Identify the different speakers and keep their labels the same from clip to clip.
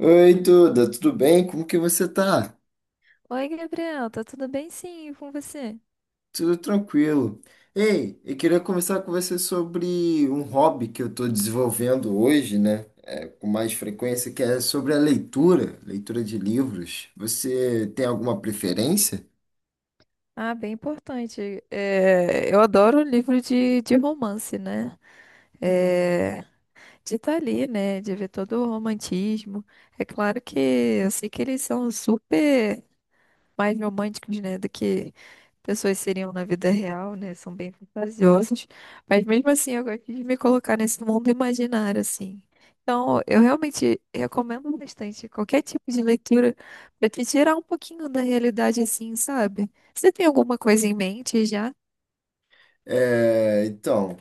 Speaker 1: Oi, Duda, tudo bem? Como que você tá?
Speaker 2: Oi, Gabriel, tá tudo bem? Sim, e com você?
Speaker 1: Tudo tranquilo. Ei, eu queria conversar com você sobre um hobby que eu tô desenvolvendo hoje, né? Com mais frequência, que é sobre a leitura, leitura de livros. Você tem alguma preferência?
Speaker 2: Ah, bem importante. É, eu adoro livro de romance, né? É, de estar ali, né? De ver todo o romantismo. É claro que eu sei que eles são super mais românticos, né? Do que pessoas seriam na vida real, né? São bem fantasiosas. Mas mesmo assim, eu gosto de me colocar nesse mundo imaginário, assim. Então, eu realmente recomendo bastante qualquer tipo de leitura para te tirar um pouquinho da realidade, assim, sabe? Você tem alguma coisa em mente já?
Speaker 1: É, então.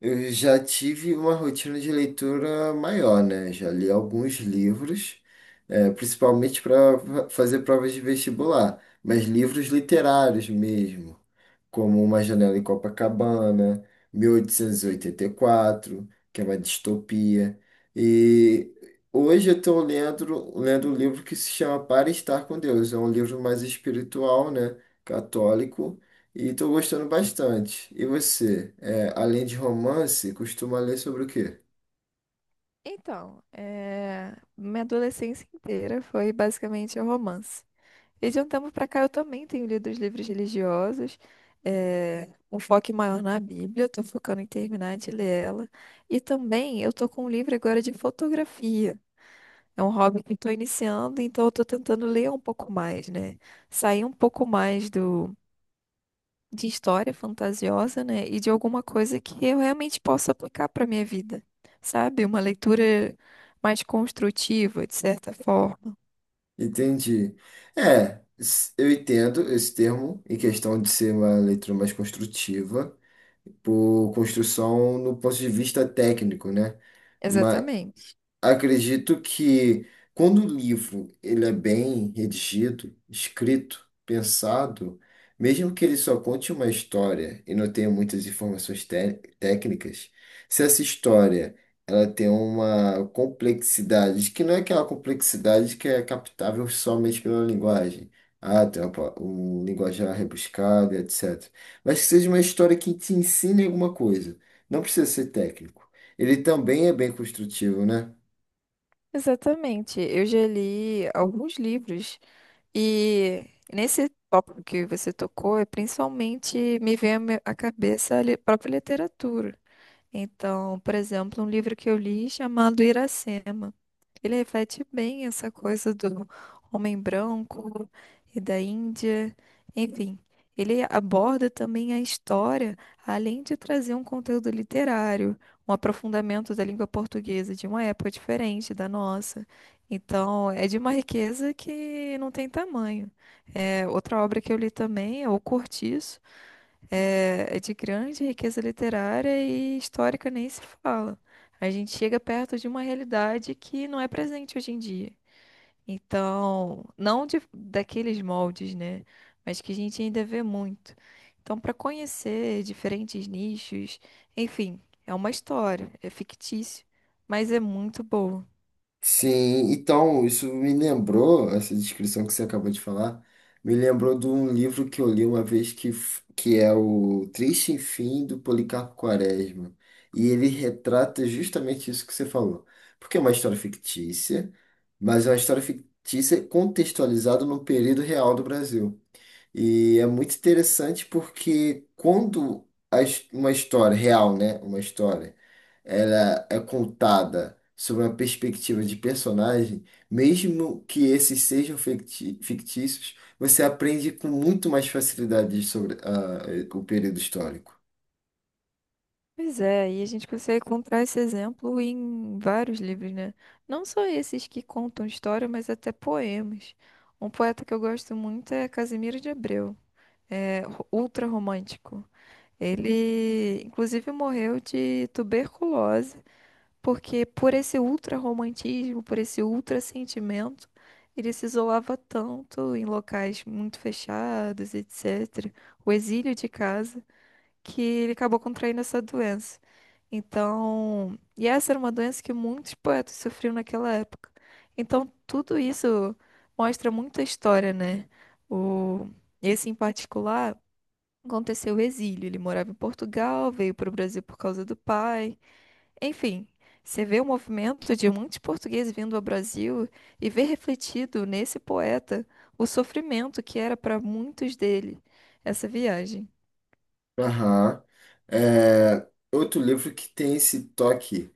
Speaker 1: Eu já tive uma rotina de leitura maior, né? Já li alguns livros, principalmente para fazer provas de vestibular, mas livros literários mesmo, como Uma Janela em Copacabana, mil oitocentos e oitenta e quatro, que é uma distopia. E hoje eu estou lendo um livro que se chama Para Estar com Deus. É um livro mais espiritual, né? Católico, e tô gostando bastante. E você, é, além de romance, costuma ler sobre o quê?
Speaker 2: Então, minha adolescência inteira foi basicamente romance. E de um tempo para cá eu também tenho lido os livros religiosos, um foco maior na Bíblia, estou focando em terminar de ler ela. E também eu estou com um livro agora de fotografia. É um hobby que estou iniciando, então eu estou tentando ler um pouco mais, né? Sair um pouco mais do de história fantasiosa, né? E de alguma coisa que eu realmente possa aplicar para minha vida, sabe? Uma leitura mais construtiva, de certa forma.
Speaker 1: Entendi. É, eu entendo esse termo em questão de ser uma leitura mais construtiva, por construção no ponto de vista técnico, né? Ma-
Speaker 2: Exatamente.
Speaker 1: Acredito que quando o livro ele é bem redigido, escrito, pensado, mesmo que ele só conte uma história e não tenha muitas informações técnicas, se essa história ela tem uma complexidade, que não é aquela complexidade que é captável somente pela linguagem. Ah, tem um linguajar rebuscado, etc. Mas que seja uma história que te ensine alguma coisa. Não precisa ser técnico. Ele também é bem construtivo, né?
Speaker 2: Exatamente. Eu já li alguns livros e nesse tópico que você tocou, é principalmente me vem à cabeça a própria literatura. Então, por exemplo, um livro que eu li chamado Iracema. Ele reflete bem essa coisa do homem branco e da Índia. Enfim, ele aborda também a história, além de trazer um conteúdo literário, um aprofundamento da língua portuguesa de uma época diferente da nossa. Então, é de uma riqueza que não tem tamanho. É, outra obra que eu li também é O Cortiço. É de grande riqueza literária e histórica nem se fala. A gente chega perto de uma realidade que não é presente hoje em dia. Então, não daqueles moldes, né? Mas que a gente ainda vê muito. Então, para conhecer diferentes nichos, enfim, é uma história, é fictício, mas é muito boa.
Speaker 1: Sim, então, isso me lembrou, essa descrição que você acabou de falar, me lembrou de um livro que eu li uma vez que é o Triste Fim do Policarpo Quaresma. E ele retrata justamente isso que você falou. Porque é uma história fictícia, mas é uma história fictícia contextualizada no período real do Brasil. E é muito interessante porque quando uma história real, né, uma história, ela é contada sob uma perspectiva de personagem, mesmo que esses sejam fictícios, você aprende com muito mais facilidade sobre o período histórico.
Speaker 2: Pois é, e a gente consegue encontrar esse exemplo em vários livros, né? Não só esses que contam história, mas até poemas. Um poeta que eu gosto muito é Casimiro de Abreu, é ultra romântico. Ele, inclusive, morreu de tuberculose, porque por esse ultra romantismo, por esse ultra sentimento, ele se isolava tanto em locais muito fechados, etc. O exílio de casa que ele acabou contraindo essa doença. Então, e essa era uma doença que muitos poetas sofriam naquela época. Então, tudo isso mostra muita história, né? O, esse em particular aconteceu o exílio. Ele morava em Portugal, veio para o Brasil por causa do pai. Enfim, você vê o movimento de muitos portugueses vindo ao Brasil e vê refletido nesse poeta o sofrimento que era para muitos dele essa viagem.
Speaker 1: Aham. É, outro livro que tem esse toque,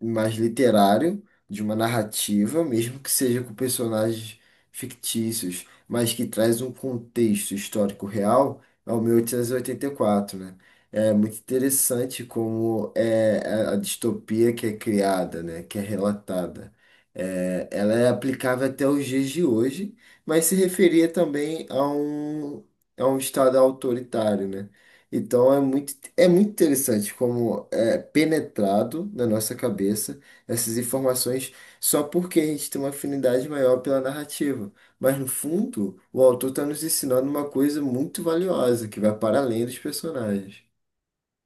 Speaker 1: mais literário, de uma narrativa, mesmo que seja com personagens fictícios, mas que traz um contexto histórico real, ao 1884, né? É muito interessante como é a distopia que é criada, né? Que é relatada. É, ela é aplicável até os dias de hoje, mas se referia também a um estado autoritário, né? Então é muito interessante como é penetrado na nossa cabeça essas informações, só porque a gente tem uma afinidade maior pela narrativa. Mas no fundo, o autor está nos ensinando uma coisa muito valiosa que vai para além dos personagens.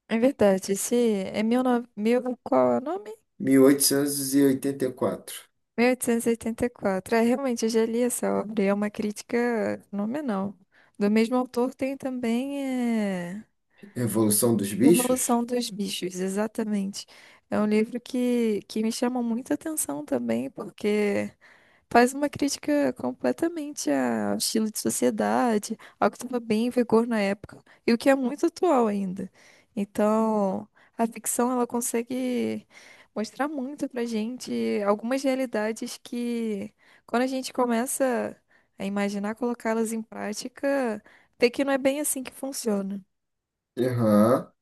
Speaker 2: É verdade, esse é mil, no- mil, qual é o nome?
Speaker 1: Mil oitocentos e oitenta e quatro.
Speaker 2: 1884. É, realmente, eu já li essa obra e é uma crítica fenomenal. Do mesmo autor tem também
Speaker 1: Revolução dos Bichos?
Speaker 2: Revolução dos Bichos, exatamente. É um livro que me chama muita atenção também, porque faz uma crítica completamente ao estilo de sociedade, ao que estava bem em vigor na época e o que é muito atual ainda. Então, a ficção ela consegue mostrar muito pra gente algumas realidades que, quando a gente começa a imaginar colocá-las em prática, vê que não é bem assim que funciona.
Speaker 1: Aham.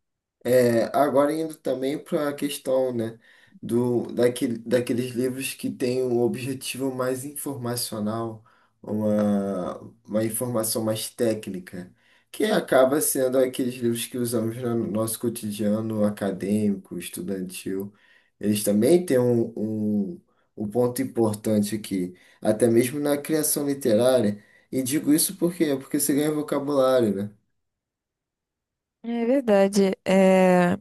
Speaker 1: É, agora indo também para a questão, né, daqueles livros que têm um objetivo mais informacional, uma, uma informação mais técnica, que acaba sendo aqueles livros que usamos no nosso cotidiano acadêmico, estudantil. Eles também têm um ponto importante aqui, até mesmo na criação literária. E digo isso por quê? Porque você ganha vocabulário, né?
Speaker 2: É verdade.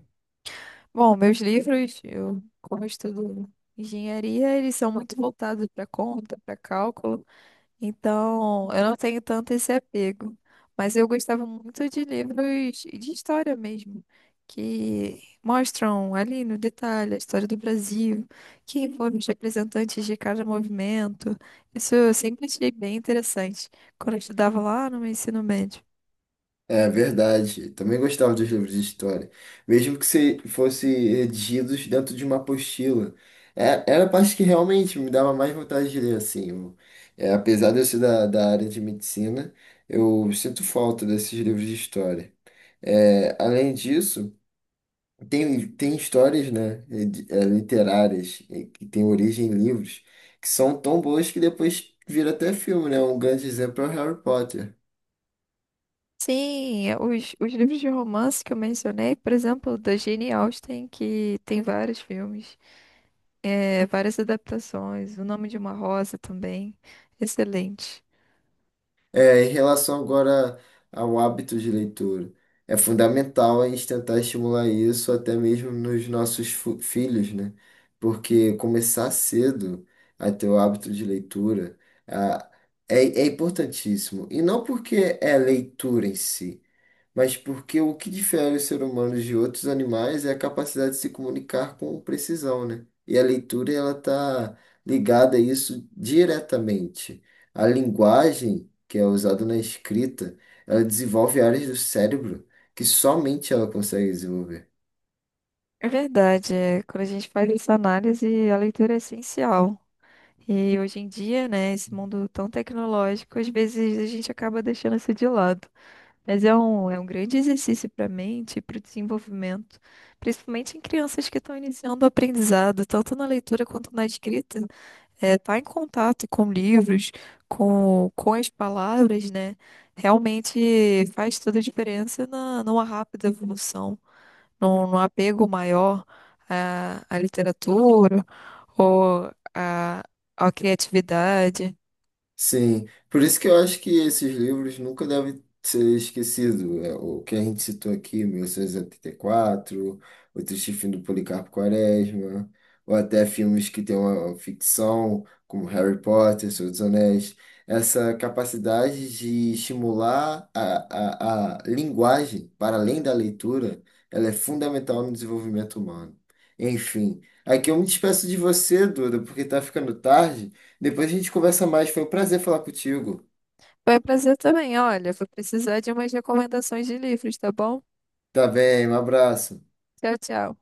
Speaker 2: Bom, meus livros, como eu estudo engenharia, eles são muito voltados para conta, para cálculo. Então, eu não tenho tanto esse apego, mas eu gostava muito de livros de história mesmo, que mostram ali no detalhe a história do Brasil, quem foram os representantes de cada movimento. Isso eu sempre achei bem interessante quando eu estudava lá no meu ensino médio.
Speaker 1: É verdade. Também gostava dos livros de história, mesmo que se fosse redigidos dentro de uma apostila. Era a parte que realmente me dava mais vontade de ler, assim. É, apesar de eu ser da área de medicina, eu sinto falta desses livros de história. É, além disso, tem histórias, né, literárias, que têm origem em livros, que são tão boas que depois vira até filme, né? Um grande exemplo é o Harry Potter.
Speaker 2: Sim, os livros de romance que eu mencionei, por exemplo, da Jane Austen, que tem vários filmes, várias adaptações, O Nome de uma Rosa também, excelente.
Speaker 1: É, em relação agora ao hábito de leitura, é fundamental a gente tentar estimular isso até mesmo nos nossos filhos, né? Porque começar cedo a ter o hábito de leitura, ah, é, é importantíssimo. E não porque é leitura em si, mas porque o que difere o ser humano de outros animais é a capacidade de se comunicar com precisão, né? E a leitura, ela está ligada a isso diretamente. A linguagem, que é usada na escrita, ela desenvolve áreas do cérebro que somente ela consegue desenvolver.
Speaker 2: É verdade, quando a gente faz essa análise, a leitura é essencial. E hoje em dia, né, esse mundo tão tecnológico, às vezes a gente acaba deixando isso de lado. Mas é um grande exercício para a mente e para o desenvolvimento, principalmente em crianças que estão iniciando o aprendizado, tanto na leitura quanto na escrita. É, tá em contato com livros, com as palavras, né? Realmente faz toda a diferença numa rápida evolução, num apego maior à literatura ou à criatividade.
Speaker 1: Sim, por isso que eu acho que esses livros nunca devem ser esquecidos. É, o que a gente citou aqui, 1884, O Triste Fim do Policarpo Quaresma, ou até filmes que têm uma ficção, como Harry Potter, Senhor dos Anéis. Essa capacidade de estimular a linguagem para além da leitura, ela é fundamental no desenvolvimento humano. Enfim, aqui eu me despeço de você, Duda, porque está ficando tarde. Depois a gente conversa mais. Foi um prazer falar contigo.
Speaker 2: Foi um prazer também, olha, vou precisar de umas recomendações de livros, tá bom?
Speaker 1: Tá bem, um abraço.
Speaker 2: Tchau, tchau.